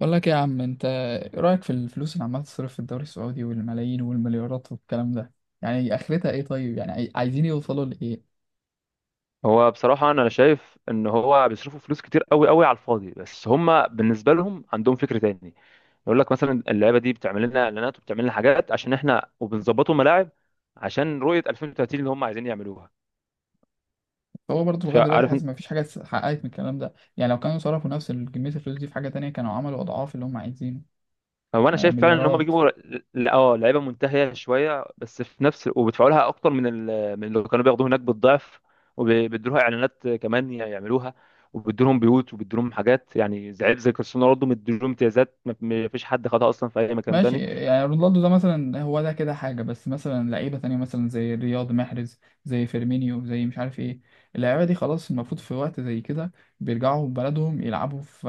بقول لك إيه يا عم؟ انت ايه رايك في الفلوس اللي عماله تصرف في الدوري السعودي والملايين والمليارات والكلام ده؟ يعني اخرتها ايه؟ طيب يعني عايزين يوصلوا لايه؟ هو بصراحة، أنا شايف إن هو بيصرفوا فلوس كتير قوي قوي على الفاضي، بس هما بالنسبة لهم عندهم فكر تاني. يقول لك مثلا اللعيبة دي بتعمل لنا إعلانات وبتعمل لنا حاجات عشان إحنا وبنظبطوا ملاعب عشان رؤية 2030 اللي هما عايزين يعملوها. هو برضه لغايه دلوقتي حاسس فعارف، ما فيش حاجه اتحققت من الكلام ده، يعني لو كانوا صرفوا نفس كميه الفلوس دي في حاجه تانية كانوا عملوا اضعاف اللي هم عايزينه. هو انا آه، شايف فعلا ان هم مليارات. بيجيبوا لعيبه منتهيه شويه بس في نفس، وبيدفعوا لها اكتر من اللي كانوا بياخدوه هناك بالضعف، وبيدوا لها اعلانات كمان يعملوها، وبيدوا لهم بيوت وبيدوا لهم حاجات، يعني زي كريستيانو رونالدو مدوا لهم امتيازات ما فيش حد خدها اصلا في اي مكان ماشي، تاني. يعني رونالدو ده مثلا هو ده كده حاجة، بس مثلا لعيبة تانية مثلا زي رياض محرز، زي فيرمينيو، زي مش عارف ايه، اللعيبة دي خلاص المفروض في وقت زي كده بيرجعوا بلدهم يلعبوا في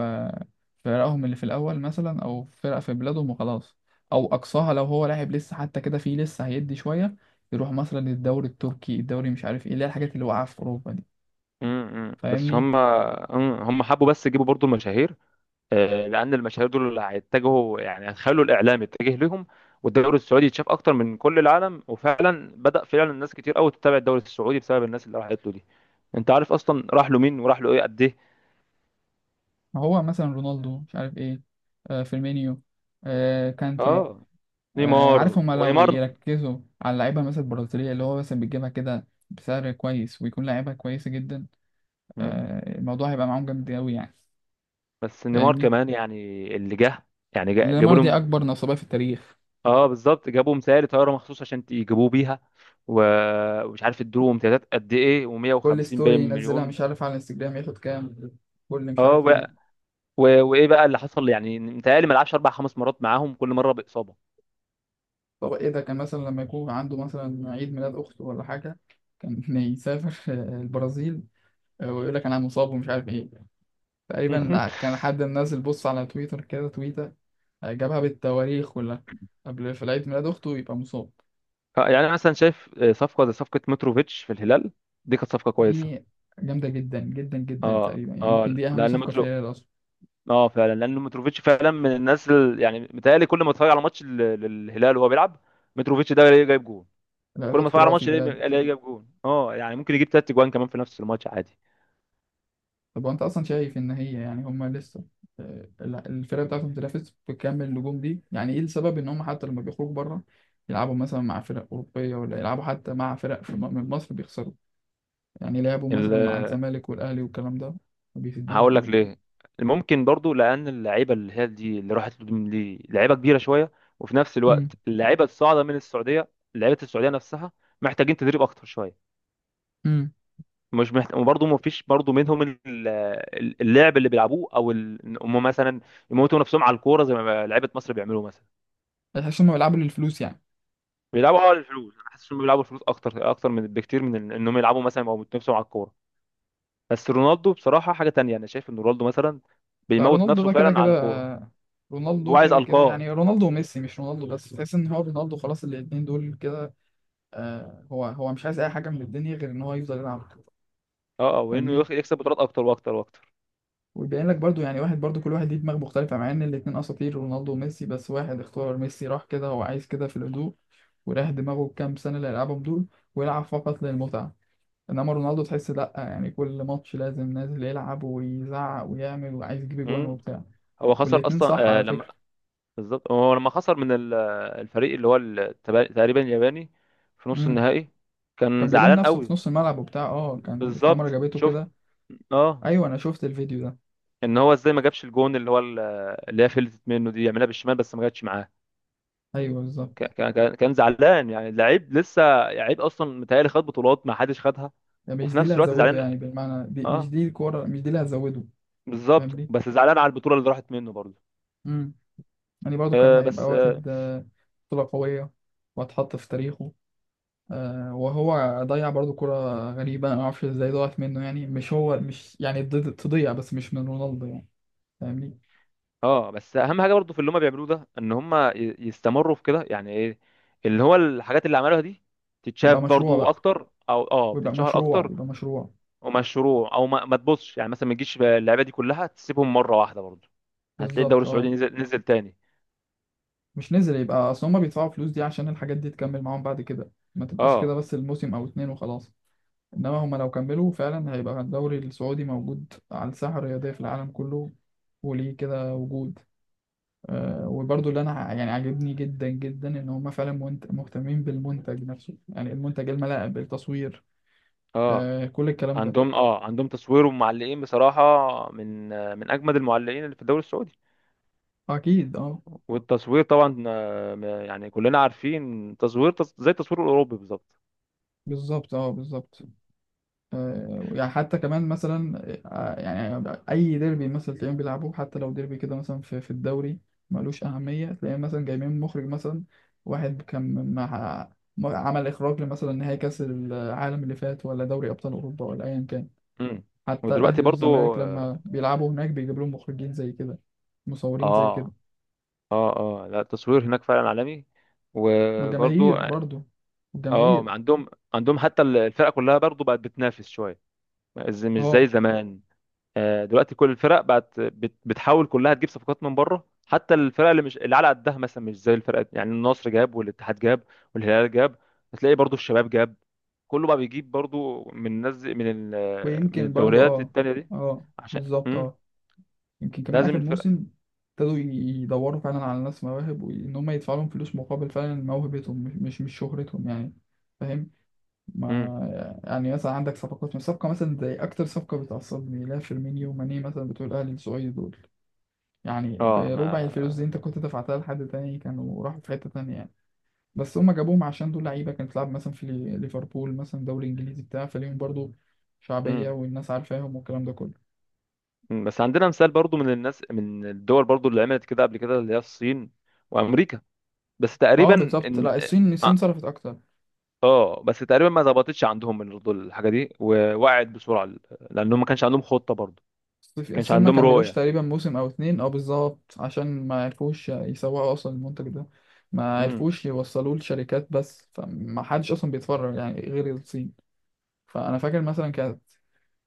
في فرقهم اللي في الأول مثلا، أو في فرق في بلادهم وخلاص. أو أقصاها لو هو لاعب لسه حتى كده فيه لسه هيدي شوية، يروح مثلا الدوري التركي، الدوري مش عارف ايه، اللي هي الحاجات اللي واقعة في أوروبا دي. م- م. بس فاهمني؟ هم حبوا بس يجيبوا برضو المشاهير، لان المشاهير دول اللي هيتجهوا، يعني هيخلوا الاعلام يتجه ليهم والدوري السعودي يتشاف اكتر من كل العالم. وفعلا بدا فعلا الناس كتير قوي تتابع الدوري السعودي بسبب الناس اللي راحت له دي. انت عارف اصلا راح له مين وراح له ايه قد ايه؟ هو مثلا رونالدو، مش عارف ايه. آه، فيرمينيو. آه، كانتي. اه، آه، نيمار عارف هما لو ونيمار. يركزوا على اللعيبة مثلا البرازيلية اللي هو مثلا بتجيبها كده بسعر كويس ويكون لعيبة كويسة جدا، مم. آه، الموضوع هيبقى معاهم جامد أوي يعني. بس نيمار فاهمني؟ كمان يعني، اللي جه، يعني جابوا نيمار دي لهم، أكبر نصابة في التاريخ. اه، بالظبط. جابوا مسائل طياره مخصوص عشان يجيبوه بيها، و- ومش عارف ادوا امتيازات قد ايه كل و150 باين ستوري ينزلها مليون. مش عارف على الانستجرام ياخد كام، كل مش اه. عارف ايه. و- وايه بقى اللي حصل؟ يعني متهيألي ما لعبش اربع خمس مرات معاهم، كل مره باصابه. طب ايه ده، كان مثلا لما يكون عنده مثلا عيد ميلاد أخته ولا حاجة كان يسافر آه، البرازيل. آه، ويقول لك أنا مصاب ومش عارف ايه. تقريبا كان حد منزل بص على تويتر كده تويتة، جابها بالتواريخ كلها، قبل في العيد ميلاد أخته يبقى مصاب. يعني انا مثلا شايف صفقه زي صفقه متروفيتش في الهلال دي كانت صفقه دي كويسه. جامدة جدا جدا جدا، تقريبا يعني اه يمكن دي أهم لان صفقة في مترو، الهلال أصلا. اه، فعلا لان متروفيتش فعلا من الناس. يعني متهيألي كل ما اتفرج على ماتش للهلال وهو بيلعب، متروفيتش ده الاقيه جايب جون. لا كل ما الواد اتفرج على خرافي ماتش بجد. الاقيه جايب جون، اه، يعني ممكن يجيب تلات جوان كمان في نفس الماتش. طب وأنت أصلا شايف إن هي يعني هما لسه آه، الفرقة بتاعتهم بتنافس بكم النجوم دي، يعني إيه السبب إن هما حتى لما بيخرجوا بره يلعبوا مثلا مع فرق أوروبية، ولا يلعبوا حتى مع فرق في من مصر بيخسروا؟ يعني لعبوا مثلا مع عادي. الزمالك والأهلي والكلام ده ما بيفيدوش هقول لك برضه. ليه. ممكن برضو لان اللعيبه اللي هي دي اللي راحت له دي لعيبه كبيره شويه، وفي نفس الوقت امم. اللعيبه الصاعده من السعوديه، لعيبه السعوديه نفسها، محتاجين تدريب اكتر شويه. امم. مش محت... وبرضه ما فيش برضه منهم اللعب اللي بيلعبوه او إن هم مثلا يموتوا نفسهم على الكوره زي ما لعيبه مصر بيعملوا مثلا. تحس إنهم بيلعبوا للفلوس يعني. بيلعبوا، اه، للفلوس. انا حاسس انهم بيلعبوا الفلوس اكتر من بكتير من انهم يلعبوا مثلا او يموتوا نفسهم على الكوره. بس رونالدو بصراحه حاجه تانية، انا شايف ان رونالدو مثلا لا بيموت رونالدو نفسه ده كده فعلا على كده، الكوره. آه، هو رونالدو عايز كده كده، القاه. يعني رونالدو وميسي، مش رونالدو بس، تحس ان هو رونالدو خلاص، الاتنين دول كده. آه، هو هو مش عايز اي حاجه من الدنيا غير ان هو يفضل يلعب كورة. اه وانه فاهمني؟ يكسب بطولات اكتر واكتر واكتر. ويبين لك برضو يعني واحد، برضو كل واحد ليه دماغ مختلفه، مع ان الاتنين اساطير رونالدو وميسي، بس واحد اختار ميسي راح كده، هو عايز كده في الهدوء، وراح دماغه كام سنه اللي هيلعبهم دول ويلعب فقط للمتعه. انما رونالدو تحس لا، يعني كل ماتش لازم نازل يلعب ويزعق ويعمل، وعايز يجيب اجوان امم. وبتاع. هو خسر والاتنين صح اصلا، على لما، فكره. بالظبط، هو لما خسر من الفريق اللي هو تقريبا الياباني في نص امم. النهائي، كان كان بيلوم زعلان نفسه قوي. في نص الملعب وبتاع، اه كان الكاميرا بالظبط جابته شفت، كده. اه، ايوه انا شفت الفيديو ده. ان هو ازاي ما جابش الجون اللي هو اللي هي فلتت منه دي، يعملها بالشمال بس ما جاتش معاه. ايوه بالظبط. كان زعلان يعني. لعيب لسه، لعيب اصلا متهيألي خد بطولات ما حدش خدها، يعني مش وفي دي اللي نفس الوقت هتزوده زعلان. يعني بالمعنى، دي مش اه، دي الكوره مش دي اللي هتزوده. بالظبط. فاهمني؟ بس زعلان على البطولة اللي راحت منه برضه. امم. يعني برضو كان آه هيبقى بس آه، واخد آه، بطوله قويه، وهتحط في تاريخه. آه وهو ضيع برضو كرة غريبة، أنا معرفش ازاي ضاعت منه يعني، مش هو مش يعني تضيع، بس مش من رونالدو يعني. فاهمني؟ اه، بس اهم حاجه برضو في اللي هم بيعملوه ده، ان هم يستمروا في كده. يعني ايه؟ اللي هو الحاجات اللي عملوها دي تتشاف يبقى مشروع برضو بقى، اكتر، او، اه، ويبقى بتتشهر مشروع، اكتر، يبقى مشروع. ومشروع، او ما تبصش يعني، مثلا ما تجيش اللعيبه دي كلها تسيبهم مره واحده. برضو هتلاقي الدوري بالظبط، السعودي اه. نزل تاني. مش نزل، يبقى اصل هما بيدفعوا فلوس دي عشان الحاجات دي تكمل معاهم بعد كده، ما تبقاش كده اه. بس الموسم او اتنين وخلاص. انما هما لو كملوا فعلا هيبقى الدوري السعودي موجود على الساحة الرياضية في العالم كله، وليه كده وجود. أه، وبرضو اللي انا يعني عاجبني جدا جدا ان هما فعلا مهتمين بالمنتج نفسه، يعني المنتج، الملاعب، التصوير، اه، أه كل الكلام ده. عندهم تصوير ومعلقين بصراحه، من، من اجمد المعلقين اللي في الدوري السعودي. اكيد اه. والتصوير طبعا، يعني كلنا عارفين تصوير زي التصوير الاوروبي بالظبط. بالظبط اه بالظبط. آه، يعني حتى كمان مثلا آه، يعني اي ديربي مثلا تلاقيهم بيلعبوه، حتى لو ديربي كده مثلا في الدوري ملوش اهميه، تلاقيهم مثلا جايبين مخرج مثلا واحد كان مع عمل اخراج مثلا نهائي كاس العالم اللي فات، ولا دوري ابطال اوروبا، ولا ايا كان. امم. حتى ودلوقتي الاهلي برضو. والزمالك لما بيلعبوا هناك بيجيب لهم مخرجين زي كده، مصورين زي كده. اه اه اه لا، التصوير هناك فعلا عالمي، والجماهير وبرضو، برضو، اه، والجماهير. عندهم حتى الفرق كلها برضو بقت بتنافس شويه، مش زي اه. زمان. دلوقتي كل الفرق بقت بتحاول كلها تجيب صفقات من بره، حتى الفرق اللي مش اللي على قدها مثلا، مش زي الفرق، يعني النصر جاب والاتحاد جاب والهلال جاب. هتلاقي برضو الشباب جاب. كله بقى بيجيب برضو من الناس، من ويمكن برضو الدوريات اه. التانية دي. اه عشان بالظبط اه. يمكن كمان لازم آخر الفرق. موسم ابتدوا يدوروا فعلا على ناس مواهب، وإن هم يدفعوا لهم فلوس مقابل فعلا موهبتهم، مش مش مش شهرتهم يعني. فاهم؟ مم. ما يعني مثلا عندك صفقات من صفقة مثلا زي أكتر صفقة بتعصبني، لا فيرمينيو وماني مثلا بتوع الأهلي السعودي دول، يعني اه ما بربع الفلوس دي أنت كنت دفعتها لحد تاني كانوا راحوا في حتة تانية يعني. بس هم جابوهم عشان دول لعيبة كانت بتلعب مثلا في ليفربول مثلا، دوري إنجليزي بتاع، فليهم برضو شعبية مم. والناس عارفاهم والكلام ده كله. مم، بس عندنا مثال برضو من الناس من الدول برضو اللي عملت كده قبل كده، اللي هي الصين وامريكا. بس اه تقريبا بالظبط. ان، لا الصين، الصين اه، صرفت اكتر. بس تقريبا ما ظبطتش عندهم من برضو الحاجه دي، ووقعت بسرعه، لانهم ما كانش عندهم خطه برضو، ما كانش الصين ما عندهم كملوش رؤيه. تقريبا موسم او اتنين، اه بالظبط، عشان ما عرفوش يسوقوا اصلا المنتج ده، ما امم. عرفوش يوصلوه لشركات، بس فما حدش اصلا بيتفرج يعني غير الصين. فانا فاكر مثلا كانت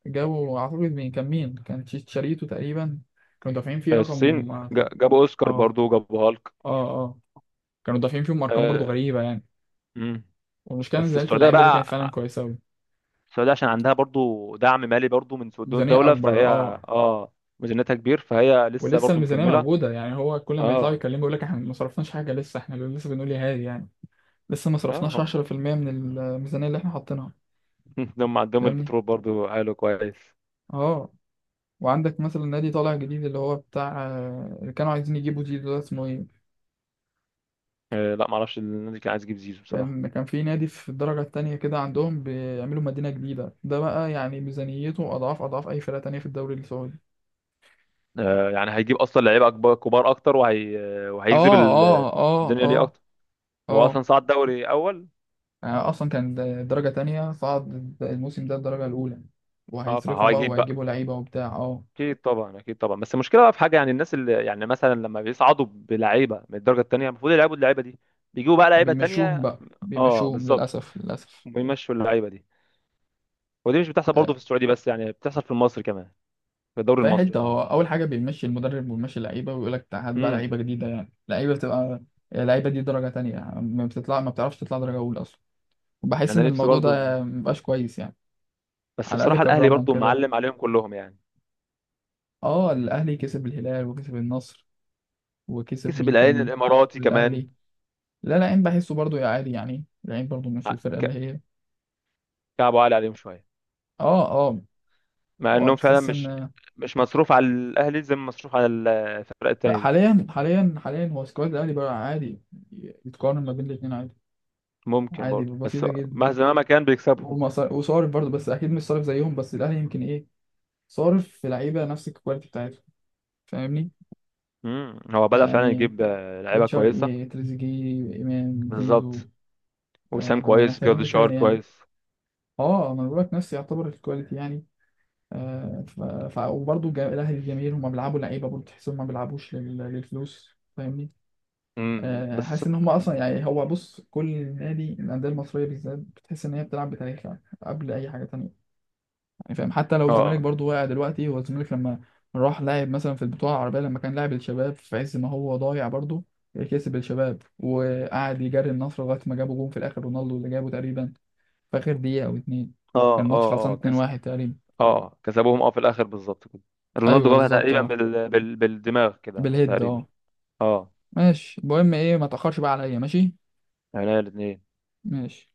جو اعتقد، مين كان، مين كان شريته تقريبا، كانوا دافعين فيه الصين رقم اه. جابوا اوسكار اه برضو، جابوا هالك. اه. كانوا دافعين فيهم ارقام برضو آه، غريبة يعني. مم. والمشكلة ان بس زيادة السعوديه اللعيبة دي كانت فعلا بقى، كويسة اوي. السعوديه عشان عندها برضو دعم مالي برضو من صندوق ميزانية الدوله. اكبر فهي، اه. اه، ميزانيتها كبير فهي لسه ولسه برضو الميزانية مكمله. موجودة، يعني هو كل ما يطلعوا اه. يتكلموا يقول لك احنا ما صرفناش حاجة لسه، احنا لسه بنقول يا هادي يعني. لسه ما صرفناش اه. 10% من الميزانية اللي احنا حاطينها. ده هم عندهم فاهمني؟ البترول برضو حاله كويس. اه. وعندك مثلا نادي طالع جديد اللي هو بتاع آه، اللي كانوا عايزين يجيبوا زيزو، ده اسمه ايه؟ لا، معرفش النادي كان عايز يجيب زيزو بصراحة. كان كان في نادي في الدرجة التانية كده عندهم، بيعملوا مدينة جديدة، ده بقى يعني ميزانيته أضعاف أضعاف أي فرقة تانية في الدوري السعودي. يعني هيجيب أصلا لعيبة أكبر، كبار أكتر، وهي، وهيجذب اه اه. اه الدنيا ليه اه أكتر. هو اه. أصلا صعد دوري أول. يعني أصلا كان درجة تانية، صعد الموسم ده الدرجة الأولى، أه، وهيصرفوا بقى فهيجيب وهيجيبوا بقى. لعيبة وبتاع اه. أكيد طبعا، أكيد طبعا. بس المشكلة بقى في حاجة، يعني الناس اللي، يعني مثلا لما بيصعدوا بلعيبة من الدرجة التانية، المفروض يلعبوا اللعيبة دي، بيجيبوا بقى لعيبة بيمشوهم تانية. بقى، أه، بيمشوهم بالظبط. للأسف، للأسف. ويمشوا اللعيبة دي، ودي مش بتحصل برضو آه، في السعودية بس، يعني بتحصل في مصر كمان، في الدوري في أي المصري حتة عموما. هو أول حاجة بيمشي المدرب ويمشي اللعيبة ويقول لك هات بقى امم. لعيبة جديدة، يعني لعيبة بتبقى يعني اللعيبة دي درجة تانية، ما بتطلع، ما بتعرفش تطلع درجة أولى أصلا. بحس أنا إن نفسي الموضوع برضو. ده مبقاش كويس يعني. بس على الأقل بصراحة الأهلي كرمهم برضو كده. معلم عليهم كلهم يعني. أه، الأهلي كسب الهلال، وكسب النصر، وكسب كسب مين العين تاني، وكسب الإماراتي كمان. الأهلي. لا العين بحسه برضو يا عادي يعني، العين برضو مش ع- الفرقة اللي ك- هي، كعبوا عالي عليهم شوية، أه أه. مع هو إنهم فعلا بتحس مش إن، مش مصروف على الأهلي زي ما مصروف على الفرق لا التانية دي. حاليا حاليا حاليا هو سكواد الأهلي بقى عادي، يتقارن ما بين الاتنين عادي، ممكن عادي، برضو، بس بسيطة جدا. مهما ما كان بيكسبهم. وصارف برضه، بس اكيد مش صارف زيهم، بس الاهلي يمكن ايه، صارف في لعيبه نفس الكواليتي بتاعتهم. فاهمني؟ مم. هو بدأ فعلا يعني يجيب، بن لعيبة كويسة. شرقي، تريزيجيه، امام، زيزو، بالظبط. وسام آه كويس، محتاجين ايه جولدشار تاني يعني؟ كويس. اه انا بقول لك نفس يعتبر الكواليتي يعني. آه، وبرضه الاهلي، الجماهير هم بيلعبوا لعيبه برضه تحسهم ما بيلعبوش للفلوس. فاهمني؟ آه بس حاسس ان هم اصلا يعني، هو بص، كل نادي، الانديه المصريه بالذات بتحس ان هي بتلعب بتاريخها قبل اي حاجه تانيه، يعني فاهم؟ حتى لو الزمالك اه برضو واقع دلوقتي، هو الزمالك لما راح لاعب مثلا في البطولة العربية لما كان لاعب الشباب، في عز ما هو ضايع برضو كسب الشباب، وقعد يجري النصر لغاية ما جابوا جون في الآخر، رونالدو اللي جابه تقريبا في آخر دقيقة أو اتنين، كان ماتش خلصان اه كسب، 2-1 تقريبا. اه، كسبوهم، اه، في الآخر بالظبط كده. رونالدو أيوه جابها بالظبط تقريبا اه، بالدماغ كده بالهيد تقريبا. اه. اه، ماشي، المهم ايه، ما تأخرش بقى عليا. ماشي. يعني الاثنين. ماشي.